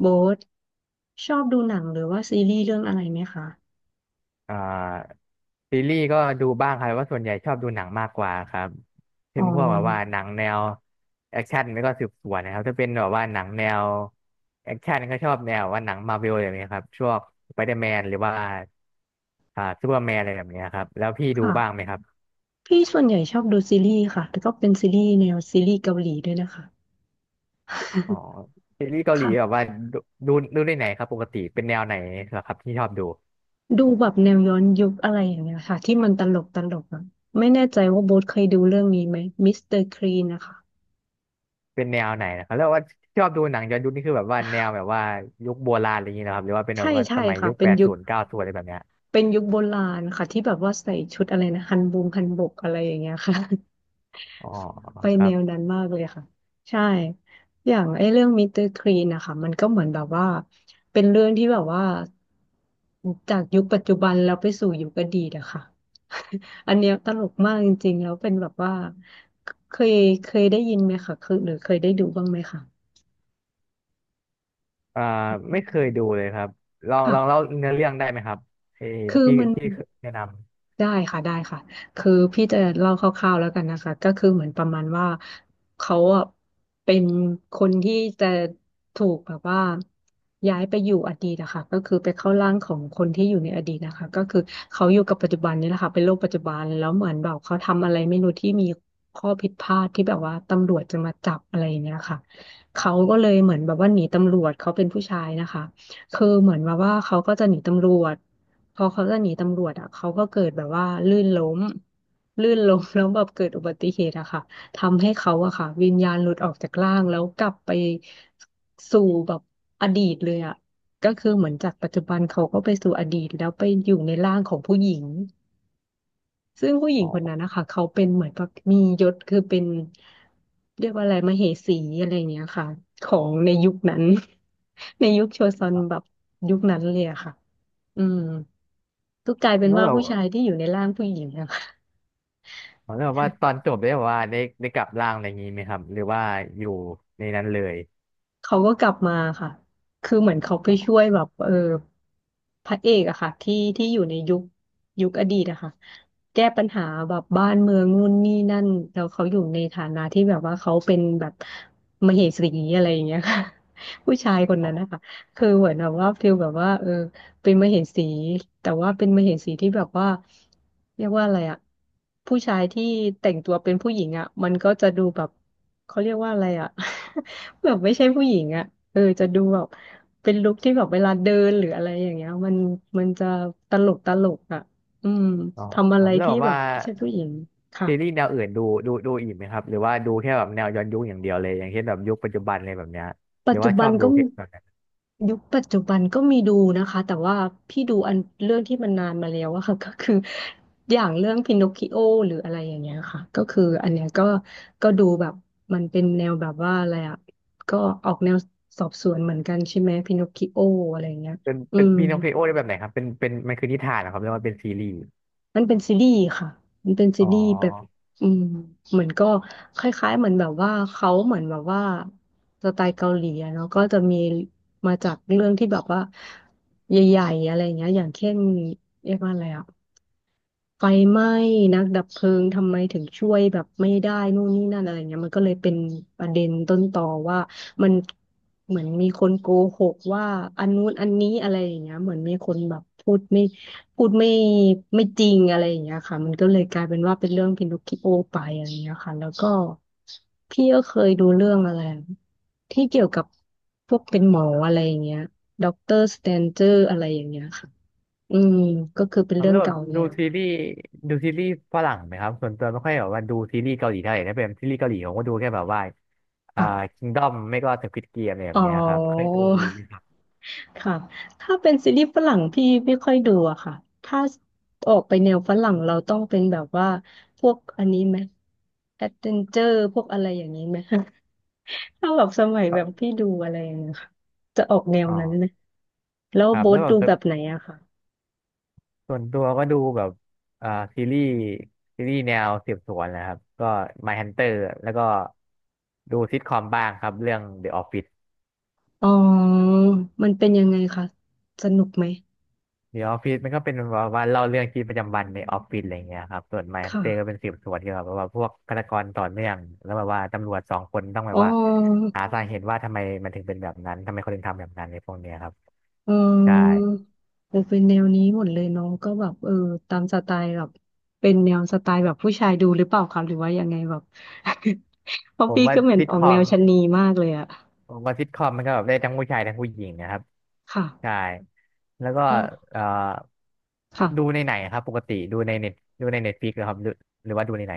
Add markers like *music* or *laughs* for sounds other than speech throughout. โบ๊ทชอบดูหนังหรือว่าซีรีส์เรื่องอะไรไหมคะอ่าซีรีส์ก็ดูบ้างครับแต่ว่าส่วนใหญ่ชอบดูหนังมากกว่าครับอ๋เช่นพวกแบบว่าอหนังแนวแอคชั่นแล้วก็สืบสวนนะครับถ้าเป็นแบบว่าหนังแนวแอคชั่นก็ชอบแนวว่าหนังมาร์เวลอย่างเงี้ยครับช่วงสไปเดอร์แมนหรือว่าซูเปอร์แมนอะไรแบบเนี้ยครับแล้วพี่ดูค่ะ บ้างไหมครับพี่ส่วนใหญ่ชอบดูซีรีส์ค่ะแล่ก็เป็นซีรีส์แนวซีรีส์เกาหลีด้วยนะคะ อ๋อ *laughs* ซีรีส์เกาหลีค่ะ แบบว่าดูดูได้ไหนครับปกติเป็นแนวไหนเหรอครับที่ชอบดู ดูแบบแนวย้อนยุคอะไรอย่างเงี้ยค่ะที่มันตลกตลกอะไม่แน่ใจว่าโบ๊ทเคยดูเรื่องนี้ไหมมิสเตอร์คลีนนะคะเป็นแนวไหนนะครับแล้วว่าชอบดูหนังย้อนยุคนี่คือแบบว่าแนวแบบว่ายุคโบราณอะไรอย่างเงี้ยนะครับหรือว่าเป็นแบใช่บว่าใช่สมัยค่ะ ยุคเป็แปนดยุคศูนย์เก้าศูนย์อะไรแบบเนี้ยเป็นยุคโบราณค่ะที่แบบว่าใส่ชุดอะไรนะฮันบงฮันบกอะไรอย่างเงี้ยค่ะ อ๋อไปครัแนวบนั้นมากเลยค่ะใช่อย่างไอ้เรื่องมิสเตอร์คลีนนะคะมันก็เหมือนแบบว่าเป็นเรื่องที่แบบว่าจากยุคปัจจุบันแล้วไปสู่ยุคอดีตอะค่ะ *laughs* อันเนี้ยตลกมากจริงๆแล้วเป็นแบบว่าเคยเคยได้ยินไหมคะคือหรือเคยได้ดูบ้างไหมคะอ่าอืไม่เคยดูมเลยครับลองเล่าค่ะเนื้อเรื่องได้ไหมครับเออคือที่มัน ที่แนะนได้ค่ะได้ค่ะคือพี่จะเล่าคร่าวๆแล้วกันนะคะก็คือเหมือนประมาณว่าเขาอะเป็นคนที่จะถูกแบบว่าย้ายไปอยู่อดีตนะคะก็คือไปเข้าร่างของคนที่อยู่ในอดีตนะคะก็คือเขาอยู่กับปัจจุบันนี่แหละค่ะเป็นโลกปัจจุบันแล้วเหมือนแบบเขาทำอะไรไม่รู้ที่มีข้อผิดพลาดที่แบบว่าตำรวจจะมาจับอะไรอย่างเงี้ยค่ะเขาก็เลยเหมือนแบบว่าหนีตำรวจเขาเป็นผู้ชายนะคะคือเหมือนแบบว่าเขาก็จะหนีตำรวจ พอเขาจะหนีตำรวจอ่ะเขาก็เกิดแบบว่าลื่นล้มลื่นล้ม *laughs* แล้วแบบเกิดอุบัติเหตุอะค่ะทำให้เขาอะค่ะวิญญาณหลุดออกจากร่างแล้วกลับไปสู่แบบอดีตเลยอะก็คือเหมือนจากปัจจุบันเขาก็ไปสู่อดีตแล้วไปอยู่ในร่างของผู้หญิงซึ่งผู้หำญิงอ๋อคนนั้นนะคะเขาเป็นเหมือนแบบมียศคือเป็นเรียกว่าอะไรมเหสีอะไรอย่างเงี้ยค่ะของในยุคนั้น *laughs* ในยุคโชซอนครัแบบบยุคนั้นเลยอะค่ะ อืมก็กลายเป็นแล้วว่าผู้แบบชายที่อยู่ในร่างผู้หญิงอะ *laughs* แล้วแบบว่าตอค่ะนจบได้แบบว่าได้กลับร่างอะไรอย่างงี้ไหมครับหรือว่าอยู่ในนั้นเลยเขาก็กลับมาค่ะคือเหมือนเขาไปช่วยแบบเออพระเอกอะค่ะที่ที่อยู่ในยุคยุคอดีตอะค่ะแก้ปัญหาแบบบ้านเมืองนู่นนี่นั่นแล้วเขาอยู่ในฐานะที่แบบว่าเขาเป็นแบบมเหสีอะไรอย่างเงี้ยค่ะ *laughs* ผู้ชายคนอ๋นั้นนะอคะคือเหมือนแบบว่าฟิลแบบว่าเออ เป็นมเหสีแต่ว่าเป็นมเหสีที่แบบว่าเรียกว่าอะไรอะผู้ชายที่แต่งตัวเป็นผู้หญิงอะมันก็จะดูแบบเขาเรียกว่าอะไรอะ *laughs* แบบไม่ใช่ผู้หญิงอะเออจะดูแบบเป็นลุคที่แบบเวลาเดินหรืออะไรอย่างเงี้ยมันมันจะตลกตลกอะอืมอ๋อทำคอะรัไรบแล้วที่แบบแบว่าบไม่ใช่ผู้หญิงค่ะ ซีรีส์แนวอื่นดูอีกไหมครับหรือว่าดูแค่แบบแนวย้อนยุคอย่างเดียวเลยอย่างเช่นแบบยุคปัจจุบันอะไรแบบเนี้ยหปัรืจอจุว่าชบันอบดูก็แค่แบบ ยุคปัจจุบันก็มีดูนะคะแต่ว่าพี่ดูอันเรื่องที่มันนานมาแล้วอะค่ะ *laughs* ก็คืออย่างเรื่องพินอคคิโอหรืออะไรอย่างเงี้ยค่ะก็คืออันเนี้ยก็ก็ดูแบบมันเป็นแนวแบบว่าอะไรอะก็ออกแนวสอบสวนเหมือนกันใช่ไหมพินอคคิโออะไรอย่างเงี้ยเป็นอืเป็นม พีนองคลิโอได้แบบไหนครับเป็นมันคือนิทานนะครับเรียกว่าเป็นซีรีส์มันเป็นซีรีส์ค่ะ มันเป็นซีอ๋รีส์แบบออืมเหมือนก็คล้ายๆเหมือนแบบว่าเขาเหมือนแบบว่าสไตล์เกาหลีอะเนาะก็จะมีมาจากเรื่องที่แบบว่าใหญ่ๆอะไรอย่างเงี้ยอย่างเช่นเรียกว่าอะไรอะ ไฟไหม้ นักดับเพลิงทำไมถึงช่วยแบบไม่ได้นู่นนี่นั่นอะไรเงี้ยมันก็เลยเป็นประเด็นต้นต่อว่ามันเหมือนมีคนโกหกว่าอันนู้นอันนี้อะไรอย่างเงี้ยเหมือนมีคนแบบพูดไม่พูดไม่ไม่จริงอะไรอย่างเงี้ยค่ะมันก็เลยกลายเป็นว่าเป็นเรื่องพินอคคิโอไปอะไรอย่างเงี้ยค่ะแล้วก็พี่ก็เคยดูเรื่องอะไรที่เกี่ยวกับพวกเป็นหมออะไรอย่างเงี้ยด็อกเตอร์สแตนเจอร์อะไรอย่างเงี้ยค่ะอืมก็คือเป็นครับเรื่อแล้งวแบบเก่าแล้วดูซีรีส์ฝรั่งไหมครับส่วนตัวไม่ค่อยแบบว่าดูซีรีส์เกาหลีเท่าไหร่ถ้าเป็นซีรีส์เกาหลีผมก็ดูแค่แบบว่าอ่าค่ะ คิงดอมไม่ก็สควิดเกมอะไรแบอ๋อ บเนี้ยครับเคยดูนะครับ *laughs* ค่ะถ้าเป็นซีรีส์ฝรั่งพี่ไม่ค่อยดูอะค่ะถ้าออกไปแนวฝรั่งเราต้องเป็นแบบว่าพวกอันนี้ไหมแอดเวนเจอร์พวกอะไรอย่างนี้ไหม *laughs* ถ้าแบบสมัยแบบพี่ดูอะไรอย่างเงี้ยค่ะจะออกแนวอ๋อนั้นไหมแล้วครับโบ๊แล้ทวดูแบแบบบไหนอะค่ะ ส่วนตัวก็ดูแบบอ่าซีรีส์ซีรีส์แนวสืบสวนนะครับก็ My Hunter แล้วก็ดูซิทคอมบ้างครับเรื่อง The Office อ๋อ มันเป็นยังไงคะ สนุกไหมเดี๋ยวออฟฟิศมันก็เป็นแบบว่าเล่าเรื่องชีวิตประจำวันในออฟฟิศอะไรเงี้ยครับส่วนไมคฮันเตอร์ก็เป็น่ะสืบสวนเกี่ยวกับแบบว่าพวกฆาตกรต่อเนื่องแล้วแบบว่าตำรวจสองคนต้องแบอ๋บอ ว่าหาสาเหตุว่าทำไมมันถึงเป็นแบบนั้นทำไมคนถึงทำแบบนั้นในพวกเนี้ยครับเอใช่อเออเป็นแนวนี้หมดเลยเน้องก็แบบเออตามสไตล์แบบเป็นแนวสไตล์แบบผู้ชายดูหรือเปล่าครับหรือว่ายังไงแบบ *laughs* เพราะผมพี่ว่าก็เหมือนซิทออคกอแนมวชะนีมากเลยอะผมว่าซิทคอมมันก็แบบได้ทั้งผู้ชายทั้งผู้หญิงนะครับใช่ค่ะแล้วก็แล้วเอ่อค่ะดูในไหนครับปกติดูในเน็ตฟลิกซ์ครับหรือว่าดูในไหน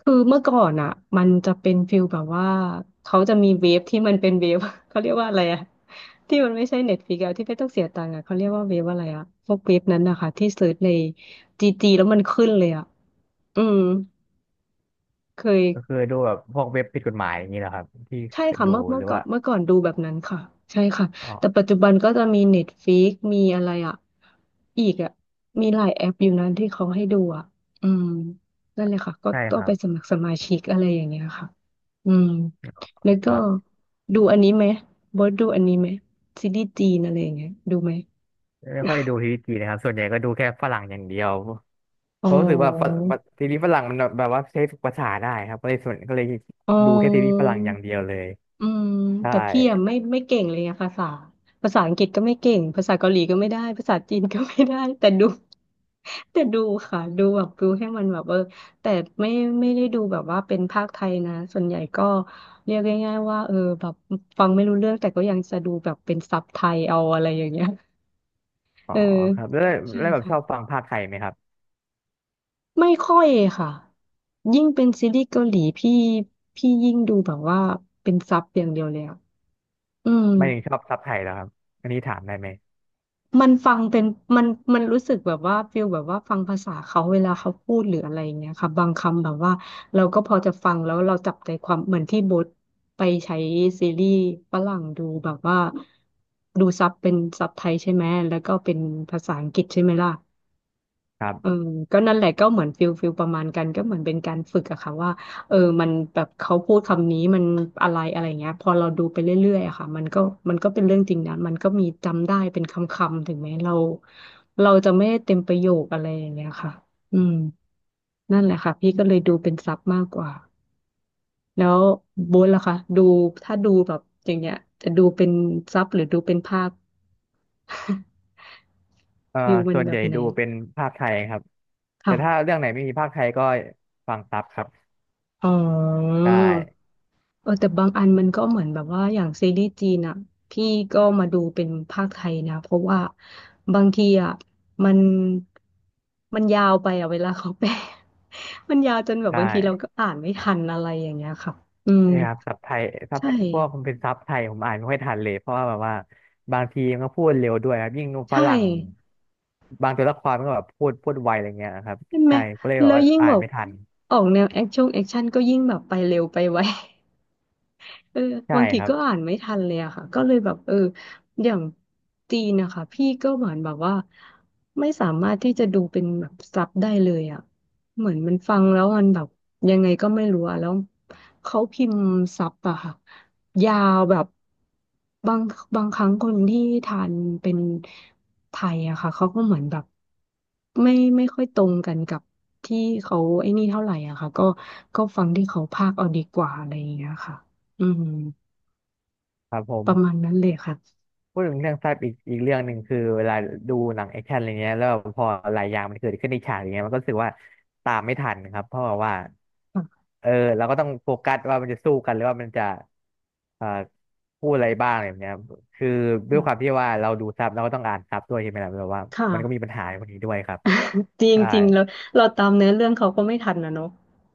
คือเมื่อก่อนอะมันจะเป็นฟิลแบบว่าเขาจะมีเว็บที่มันเป็นเว็บ *laughs* เขาเรียกว่าอะไรอะ *laughs* ที่มันไม่ใช่เน็ตฟลิกซ์อะที่ไม่ต้องเสียตังค์อะเขาเรียกว่าเวฟอะไรอะพวกเวฟนั้นนะคะที่เสิร์ชในจีจีแล้วมันขึ้นเลยอะอืมเคก็คืย อดูแบบพวกเว็บผิดกฎหมายอย่างนี้เหรอครับที่ใช่ค่ะดูเมื่อหเมื่รืออก่อนว่าเมื่อก่อนดูแบบนั้นค่ะใช่ค่ะอ๋อ แต่ปัจจุบันก็จะมีเน็ตฟิกมีอะไรอ่ะอีกอ่ะมีหลายแอปอยู่นั้นที่เขาให้ดูอ่ะอืมนั่นเลยค่ะก็ใช่ต้คองรัไปบสมัครสมาชิกอะไรอย่างเงี้ยค่ะอืมแล้วคก็รับดูอันนี้ไหมบอสดูอันนี้ไหมซีรีส์จีนอะไรอย่างเงี้ยดูไหมไม่ค่อยดูทีวีจีนนะครับส่วนใหญ่ก็ดูแค่ฝรั่งอย่างเดียวอ๋เพอราะรู้สึกว่าฝรั่งทีวีฝรั่งมันแบบว่าใช้ฝึกภาษาได้ครับก็เลยส่วนก็เลยอ๋อ ดูแค่ทีวีฝรั่งอย่างเดียวเลยอืมใช่แต่พี่อะไม่เก่งเลยอะภาษาภาษาอังกฤษก็ไม่เก่งภาษาเกาหลีก็ไม่ได้ภาษาจีนก็ไม่ได้แต่ดู *laughs* แต่ดูค่ะดูแบบดูให้มันแบบแต่ไม่ไม่ได้ดูแบบว่าเป็นภาคไทยนะส่วนใหญ่ก็เรียกง่ายๆว่าแบบฟังไม่รู้เรื่องแต่ก็ยังจะดูแบบเป็นซับไทยเอาอะไรอย่างเงี้ยอ๋อเออครับแล้วใช่แล้วแบบค่ะชอบฟังภาคไทยไหมครับไม่ค่อยค่ะยิ่งเป็นซีรีส์เกาหลีพี่ยิ่งดูแบบว่าเป็นซับอย่างเดียวเลยอะอืม ไม่ถึงชอบซับไทยแล้วครับอันนี้ถามได้ไหมมันฟังเป็นมันรู้สึกแบบว่าฟีลแบบว่าฟังภาษาเขาเวลาเขาพูดหรืออะไรอย่างเงี้ยค่ะบางคำแบบว่าเราก็พอจะฟังแล้วเราจับใจความเหมือนที่โบทไปใช้ซีรีส์ฝรั่งดูแบบว่าดูซับเป็นซับไทยใช่ไหมแล้วก็เป็นภาษาอังกฤษใช่ไหมล่ะ ครัเออบก็นั่นแหละก็เหมือนฟิลประมาณกันก็เหมือนเป็นการฝึกอะค่ะว่ามันแบบเขาพูดคำนี้มันอะไรอะไรเงี้ยพอเราดูไปเรื่อยๆอะค่ะมันก็เป็นเรื่องจริงนะมันก็มีจำได้เป็นคำๆถึงแม้เราจะไม่ได้เต็มประโยคอะไรอย่างเงี้ยค่ะอืมนั่นแหละค่ะพี่ก็เลยดูเป็นซับมากกว่าแล้วโบนล่ะคะดูถ้าดูแบบอย่างเงี้ยจะดูเป็นซับหรือดูเป็นภาพ *laughs* เอ่อฟิลมันส่วนแบใหบญ่ไหนดูเป็นภาคไทยครับแต่ถ้าค่ะเรื่องไหนไม่มีภาคไทยก็ฟังซับครับอ๋อ ได้เออแต่บางอันมันก็เหมือนแบบว่าอย่างซีรีส์จีนอ่ะพี่ก็มาดูเป็นภาคไทยนะเพราะว่าบางทีอ่ะมันมันยาวไปอ่ะเวลาเขาแปล *laughs* มันยาวจนแบบได้ บางทีเราก็อ่านไม่ทันอะไรอย่างเงี้ยค่ะอืมนี่ครับซับไทยซับใช่พวกมันเป็นซับไทยผมอ่านไม่ค่อยทันเลยเพราะว่าแบบว่าบางทีมันก็พูดเร็วด้วยครับยิ่งฝใช่รั่งบางตัวละครมันก็แบบพูดไวอะไรเงี้ยครับใช่ไหมใช่ก็เลยแบแล้บวว่ายิ่งอ่าแบนบไม่ทันออกแนวแอคชั่นก็ยิ่งแบบไปเร็วไปไว เออใช่บางทีครับก็อ่านไม่ทันเลยอะค่ะก็เลยแบบเอออย่างจีนนะคะพี่ก็เหมือนแบบว่าไม่สามารถที่จะดูเป็นแบบซับได้เลยอะเหมือนมันฟังแล้วมันแบบยังไงก็ไม่รู้อะแล้วเขาพิมพ์ซับอะค่ะยาวแบบบางบางครั้งคนที่ทานเป็นไทยอะค่ะเขาก็เหมือนแบบไม่ค่อยตรงกันกับที่เขาไอ้นี่เท่าไหร่อะค่ะก็ฟังที่เขาพากย์เอาดีกว่าอะไรอย่างเงี้ยค่ะ อืมครับผม ประมาณนั้นเลยค่ะ พูดถึงเรื่องแฟบอีกเรื่องหนึ่งคือเวลาดูหนังแอคชั่นอะไรเงี้ยแล้วพอหลายอย่างมันเกิดขึ้นในฉากอย่างเงี้ยมันก็รู้สึกว่าตามไม่ทันครับเพราะว่าค่ะเออเราก็ต้องโฟกัสว่ามันจะสู้กันหรือว่ามันจะเอ่อพูดอะไรบ้างอะไรแบบเนี้ยคือด้วยอ่าความที่ว่าเราดูซับเราก็ต้องอ่านซับด้วยใช่ไหมล่ะแบบว่าค่ะ มันก็มีปัญหาพวกนี้ด้วยครับ *laughs* จริงใช่จริงแล้วเราตามเนื้อเรื่องเขาก็ไม่ทันนะเนาะ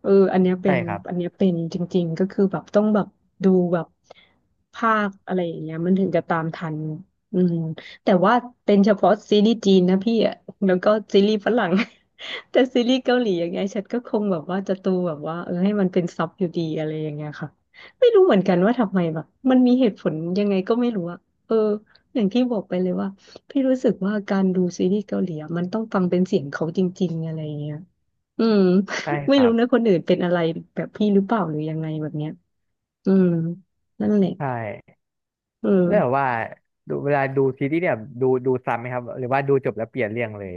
เอออันเนี้ยเป็ใช่นครับอันเนี้ยเป็นจริงๆก็คือแบบต้องแบบดูแบบภาคอะไรอย่างเงี้ยมันถึงจะตามทันอืมแต่ว่าเป็นเฉพาะซีรีส์จีนนะพี่อะแล้วก็ซีรีส์ฝรั่ง *laughs* แต่ซีรีส์เกาหลีอย่างเงี้ยฉันก็คงแบบว่าจะดูแบบว่าเออให้มันเป็นซับอยู่ดีอะไรอย่างเงี้ยค่ะไม่รู้เหมือนกันว่าทำไมแบบมันมีเหตุผลยังไงก็ไม่รู้อะเอออย่างที่บอกไปเลยว่า พี่รู้สึกว่าการดูซีรีส์เกาหลีอะมันต้องฟังเป็นเสียงเขาจริงๆอะไรเงี้ยอืม ใช่ *laughs* คไม่รัรู้บนะคนอื่นเป็นอะไรแบบพี่หรือเปล่าหรือยังไงแบบเนี้ยอืมนั่นแหละใช่เอแล้วแบบอว่าเวลาดูซีรีส์เนี่ยดูซ้ำไหมครับหรือว่าดูจบแล้วเปลี่ยนเรื่องเลย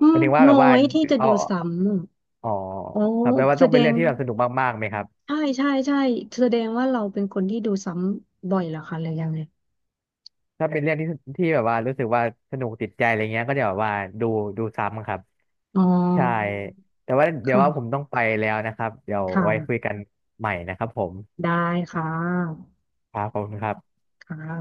อืหมามยถึงว่าน้แบอบว่ายที่จะเอา ดูซ้ำอะอ๋ออ๋อครับแปลว่าแสต้องดเป็นเรื่งองที่แบบสนุกมากๆไหมครับใช่ใช่ใช่แสดงว่าเราเป็นคนที่ดูซ้ำบ่อยเหรอคะหรือยังไงถ้าเป็นเรื่องที่แบบว่ารู้สึกว่าสนุกติดใจอะไรเงี้ยก็จะแบบว่าดูดูซ้ำครับอ๋อใช่แต่ว่าเดี๋ยวว่าผมค่ะต้องไปแล้วนะครับเดี๋ยวค่ะ ไว้คุยกันใหม่นะครับผมได้ค่ะครับขอบคุณครับค่ะ